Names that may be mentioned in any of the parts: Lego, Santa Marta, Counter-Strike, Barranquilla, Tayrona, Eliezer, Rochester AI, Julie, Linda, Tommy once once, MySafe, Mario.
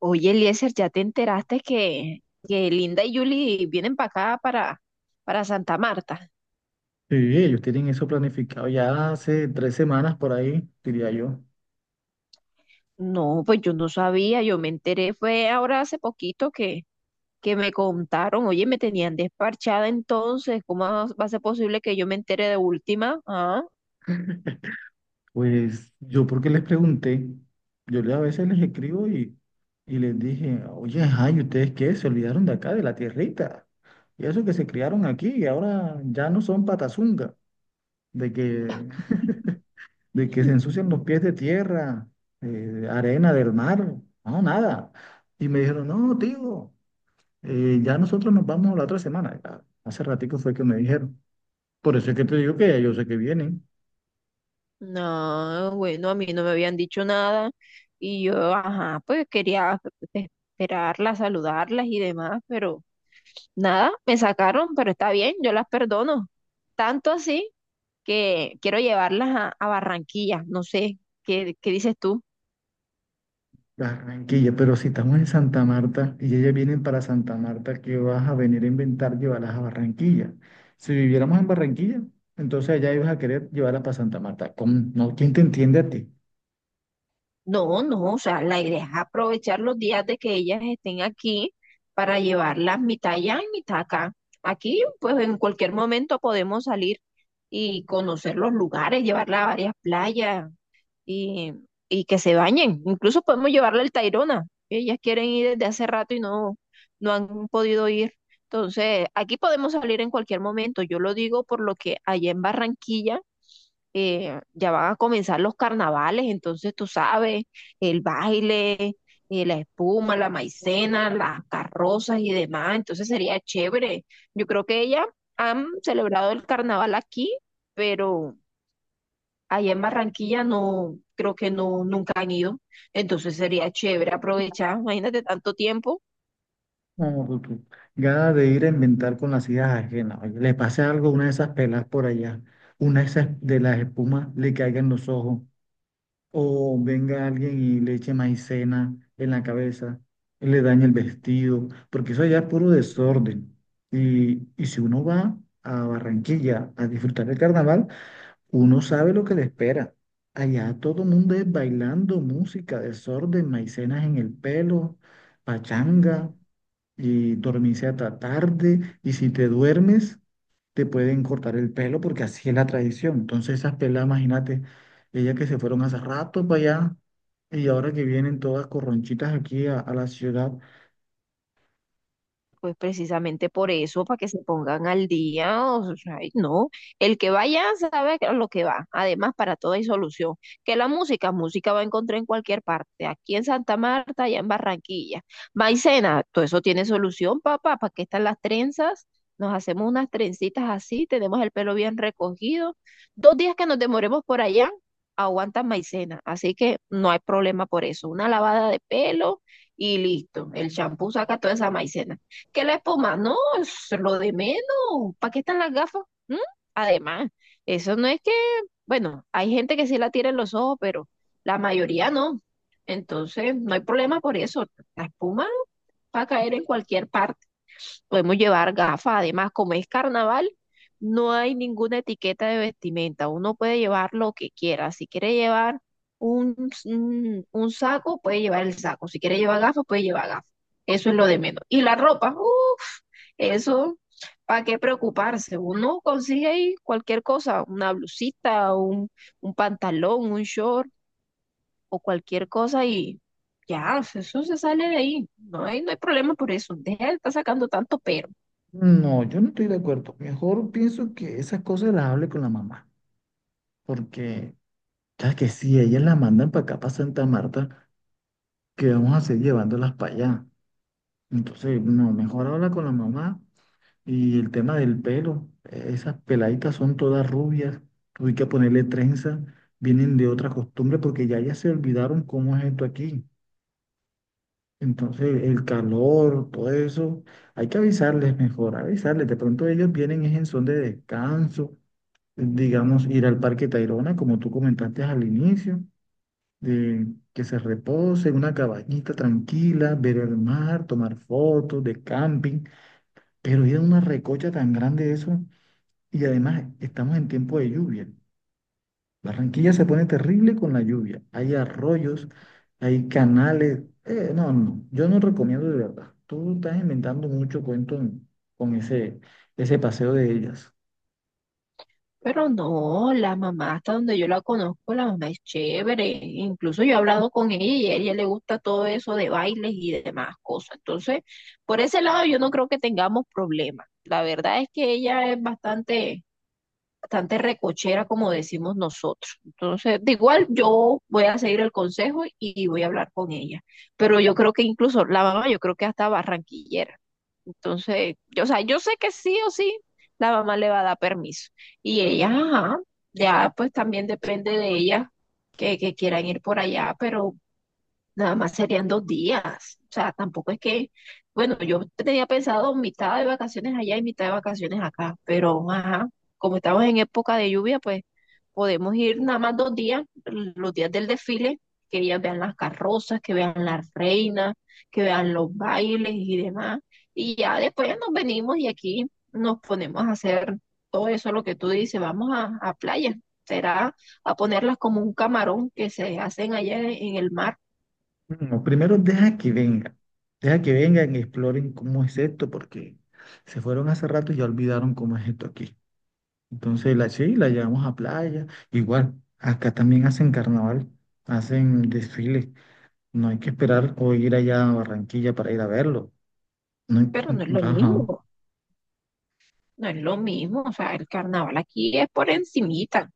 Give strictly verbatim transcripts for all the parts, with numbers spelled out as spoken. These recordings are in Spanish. Oye, Eliezer, ¿ya te enteraste que, que Linda y Julie vienen para acá, para, para Santa Marta? Sí, ellos tienen eso planificado ya hace tres semanas por ahí, diría yo. No, pues yo no sabía, yo me enteré, fue ahora hace poquito que, que me contaron, oye, me tenían desparchada entonces, ¿cómo va va a ser posible que yo me entere de última? Ah, Pues yo porque les pregunté, yo le- a veces les escribo y, y les dije, oye, ajá, ¿y ustedes qué? Se olvidaron de acá, de la tierrita. Y eso que se criaron aquí y ahora ya no son patazunga, de que, de que se ensucian los pies de tierra, eh, de arena del mar, no, nada. Y me dijeron, no, tío, eh, ya nosotros nos vamos la otra semana. Ya, hace ratico fue que me dijeron. Por eso es que te digo que ya yo sé que vienen. no, bueno, a mí no me habían dicho nada y yo, ajá, pues quería esperarlas, saludarlas y demás, pero nada, me sacaron, pero está bien, yo las perdono. Tanto así que quiero llevarlas a, a Barranquilla, no sé, ¿qué, qué dices tú? Barranquilla, pero si estamos en Santa Marta y ellas vienen para Santa Marta, ¿qué vas a venir a inventar llevarlas a Barranquilla? Si viviéramos en Barranquilla, entonces allá ibas a querer llevarlas para Santa Marta. ¿Cómo? No, ¿quién te entiende a ti? No, no, o sea, la idea es aprovechar los días de que ellas estén aquí para llevarlas mitad allá y mitad acá. Aquí, pues en cualquier momento podemos salir y conocer los lugares, llevarlas a varias playas, y, y que se bañen. Incluso podemos llevarle el Tayrona. Ellas quieren ir desde hace rato y no, no han podido ir. Entonces, aquí podemos salir en cualquier momento. Yo lo digo por lo que allá en Barranquilla eh, ya van a comenzar los carnavales, entonces tú sabes, el baile, eh, la espuma, la maicena, las carrozas y demás. Entonces sería chévere. Yo creo que ellas han celebrado el carnaval aquí, pero ahí en Barranquilla no, creo que no, nunca han ido. Entonces sería chévere aprovechar, imagínate tanto tiempo. No, tú, tú. Gana de ir a inventar con las ideas ajenas. Oye, le pase algo a una de esas pelas por allá, una de esas de las espumas le caiga en los ojos, o venga alguien y le eche maicena en la cabeza, y le dañe el vestido, porque eso allá es puro desorden. Y, y si uno va a Barranquilla a disfrutar del carnaval, uno sabe lo que le espera. Allá todo el mundo es bailando música, desorden, maicenas en el pelo, pachanga, y dormirse hasta tarde. Y si te duermes, te pueden cortar el pelo porque así es la tradición. Entonces esas pelas, imagínate, ellas que se fueron hace rato para allá y ahora que vienen todas corronchitas aquí a, a la ciudad, Pues precisamente por eso, para que se pongan al día, o sea, ay, no, el que vaya sabe a lo que va. Además, para todo hay solución. Que la música, música va a encontrar en cualquier parte, aquí en Santa Marta, allá en Barranquilla. Maicena, todo eso tiene solución, papá, ¿para qué están las trenzas? Nos hacemos unas trencitas así, tenemos el pelo bien recogido. Dos días que nos demoremos por allá, aguantan maicena, así que no hay problema por eso. Una lavada de pelo y listo, el champú saca toda esa maicena, que la espuma, no, es lo de menos. ¿Para qué están las gafas? ¿Mm? Además, eso no es que, bueno, hay gente que sí la tira en los ojos, pero la mayoría no. Entonces, no hay problema por eso. La espuma va a caer en cualquier parte. Podemos llevar gafas, además, como es carnaval, no hay ninguna etiqueta de vestimenta, uno puede llevar lo que quiera, si quiere llevar un, s- un, un saco, puede llevar el saco, si quiere llevar gafas, puede llevar gafas, eso es lo de menos. Y la ropa, uff, eso, ¿para qué preocuparse? Uno consigue ahí cualquier cosa, una blusita, un, un pantalón, un short o cualquier cosa y ya, eso se sale de ahí, no hay, no hay problema por eso, deja de estar sacando tanto pero. no, yo no estoy de acuerdo. Mejor pienso que esas cosas las hable con la mamá, porque ya que si ellas las mandan para acá, para Santa Marta, ¿qué vamos a hacer llevándolas para allá? Entonces, no, mejor habla con la mamá y el tema del pelo. eh, Esas peladitas son todas rubias, hay que ponerle trenza, vienen de otra costumbre porque ya ya se olvidaron cómo es esto aquí. Entonces, el calor, todo eso, hay que avisarles mejor, avisarles. De pronto ellos vienen es en son de descanso, digamos, ir al Parque Tayrona, como tú comentaste al inicio, de que se reposen, una cabañita tranquila, ver el mar, tomar fotos de camping, pero ir a una recocha tan grande eso, y además estamos en tiempo de lluvia. Barranquilla se pone terrible con la lluvia. Hay arroyos, hay canales. Eh, no, no, yo no recomiendo de verdad. Tú estás inventando mucho cuento en- Con ese, ese paseo de ellas. Pero no, la mamá, hasta donde yo la conozco, la mamá es chévere. Incluso yo he hablado con ella y a ella le gusta todo eso de bailes y demás cosas. Entonces, por ese lado yo no creo que tengamos problemas. La verdad es que ella es bastante, bastante recochera, como decimos nosotros. Entonces, de igual yo voy a seguir el consejo y voy a hablar con ella. Pero yo creo que incluso la mamá, yo creo que hasta barranquillera. Entonces, yo, o sea, yo sé que sí o sí la mamá le va a dar permiso. Y ella, ajá, ya pues también depende de ella que, que quieran ir por allá, pero nada más serían dos días. O sea, tampoco es que, bueno, yo tenía pensado mitad de vacaciones allá y mitad de vacaciones acá, pero ajá, como estamos en época de lluvia, pues podemos ir nada más dos días, los días del desfile, que ellas vean las carrozas, que vean las reinas, que vean los bailes y demás. Y ya después nos venimos y aquí nos ponemos a hacer todo eso, lo que tú dices, vamos a, a playa. Será a ponerlas como un camarón que se hacen allá en el mar, No, primero deja que vengan. Deja que vengan y exploren cómo es esto, porque se fueron hace rato y ya olvidaron cómo es esto aquí. Entonces, la, sí, la llevamos a playa. Igual, acá también hacen carnaval, hacen desfiles. No hay que esperar o ir allá a Barranquilla para ir a verlo. No, en- pero no es lo ajá. mismo, no es lo mismo. O sea, el carnaval aquí es por encimita.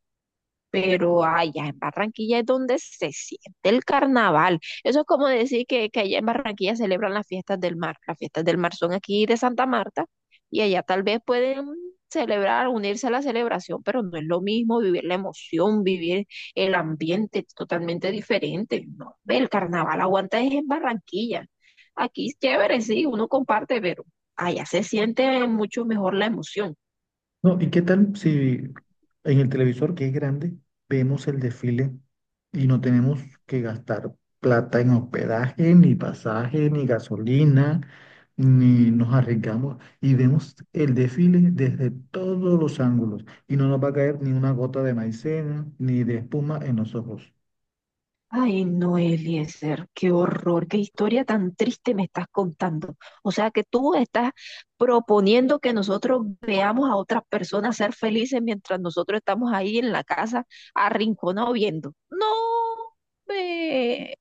Pero allá en Barranquilla es donde se siente el carnaval. Eso es como decir que, que allá en Barranquilla celebran las fiestas del mar. Las fiestas del mar son aquí de Santa Marta y allá tal vez pueden celebrar, unirse a la celebración, pero no es lo mismo vivir la emoción, vivir el ambiente es totalmente diferente. No, ve, el carnaval aguanta es en Barranquilla. Aquí es chévere, sí, uno comparte, pero allá se siente mucho mejor la emoción. No, ¿y qué tal si en el televisor, que es grande, vemos el desfile y no tenemos que gastar plata en hospedaje, ni pasaje, ni gasolina, ni nos arriesgamos y vemos el desfile desde todos los ángulos y no nos va a caer ni una gota de maicena, ni de espuma en los ojos? Ay, no, Eliezer, qué horror, qué historia tan triste me estás contando. O sea que tú estás proponiendo que nosotros veamos a otras personas ser felices mientras nosotros estamos ahí en la casa arrinconados viendo. No, ve,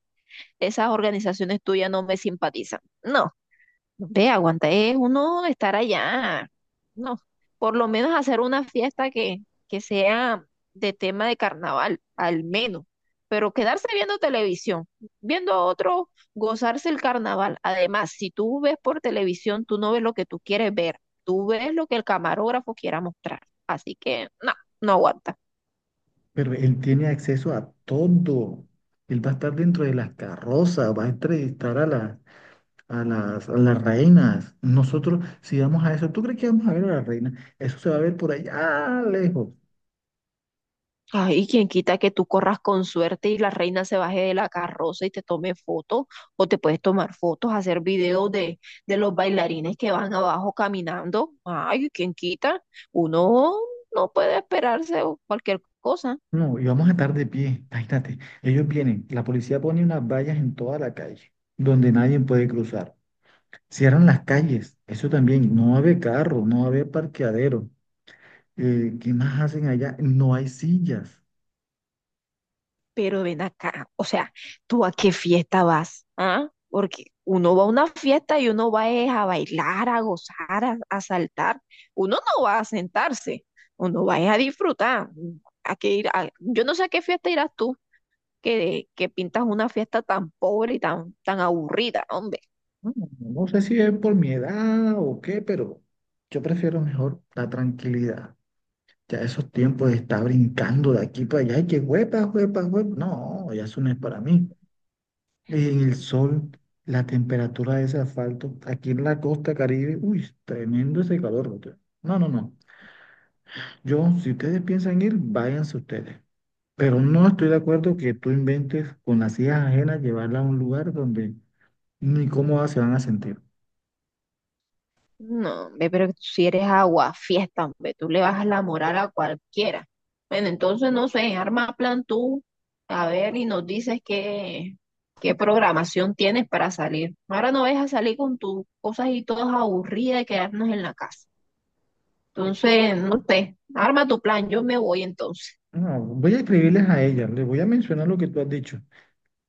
esas organizaciones tuyas no me simpatizan. No. Ve, aguanta, es uno estar allá. No, por lo menos hacer una fiesta que, que sea de tema de carnaval, al menos. Pero quedarse viendo televisión, viendo a otro gozarse el carnaval. Además, si tú ves por televisión, tú no ves lo que tú quieres ver, tú ves lo que el camarógrafo quiera mostrar. Así que, no, no aguanta. Pero él tiene acceso a todo. Él va a estar dentro de las carrozas, va a entrevistar a la a las, a las reinas. Nosotros, si vamos a eso, ¿tú crees que vamos a ver a las reinas? Eso se va a ver por allá lejos. Ay, quién quita que tú corras con suerte y la reina se baje de la carroza y te tome fotos, o te puedes tomar fotos, hacer videos de, de los bailarines que van abajo caminando. Ay, quién quita. Uno no puede esperarse o cualquier cosa. No, y vamos a estar de pie. Imagínate, ellos vienen, la policía pone unas vallas en toda la calle, donde nadie puede cruzar. Cierran las calles, eso también, no va a haber carro, no va a haber parqueadero. Eh, ¿qué más hacen allá? No hay sillas. Pero ven acá, o sea, ¿tú a qué fiesta vas? ¿Ah? Porque uno va a una fiesta y uno va es a bailar, a gozar, a, a saltar. Uno no va a sentarse, uno va es a disfrutar. ¿A qué ir? A- Yo no sé a qué fiesta irás tú, que, que pintas una fiesta tan pobre y tan, tan aburrida, hombre. No, no sé si es por mi edad o qué, pero yo prefiero mejor la tranquilidad. Ya esos tiempos de estar brincando de aquí para allá y que huepa, huepa, huepa. No, ya eso no es para mí. En el sol, la temperatura de ese asfalto, aquí en la costa Caribe, uy, tremendo ese calor, brother. No, no, no. Yo, si ustedes piensan ir, váyanse ustedes. Pero no estoy de acuerdo que tú inventes con las hijas ajenas llevarla a un lugar donde ni cómodas se van a sentir. No, hombre, pero si eres agua, fiesta, hombre, tú le bajas la moral a cualquiera. Bueno, entonces no sé, arma plan tú, a ver, y nos dices qué, qué programación tienes para salir. Ahora no vas a salir con tus cosas y todas aburridas y quedarnos en la casa. Entonces, no sé, arma tu plan, yo me voy entonces. No, voy a escribirles a ellas, les voy a mencionar lo que tú has dicho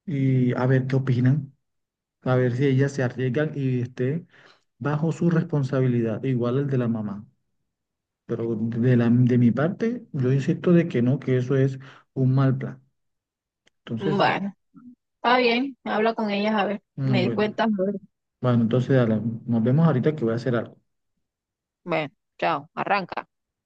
y a ver qué opinan, a ver si ellas se arriesgan y esté bajo su responsabilidad, igual el de la mamá. Pero de la, de mi parte, yo insisto de que no, que eso es un mal plan. Entonces, sí. Bueno, está bien, habla con ellas, a ver, Mm, me Bueno, cuentas. bueno, entonces dale, nos vemos ahorita que voy a hacer algo. Bueno, chao, arranca.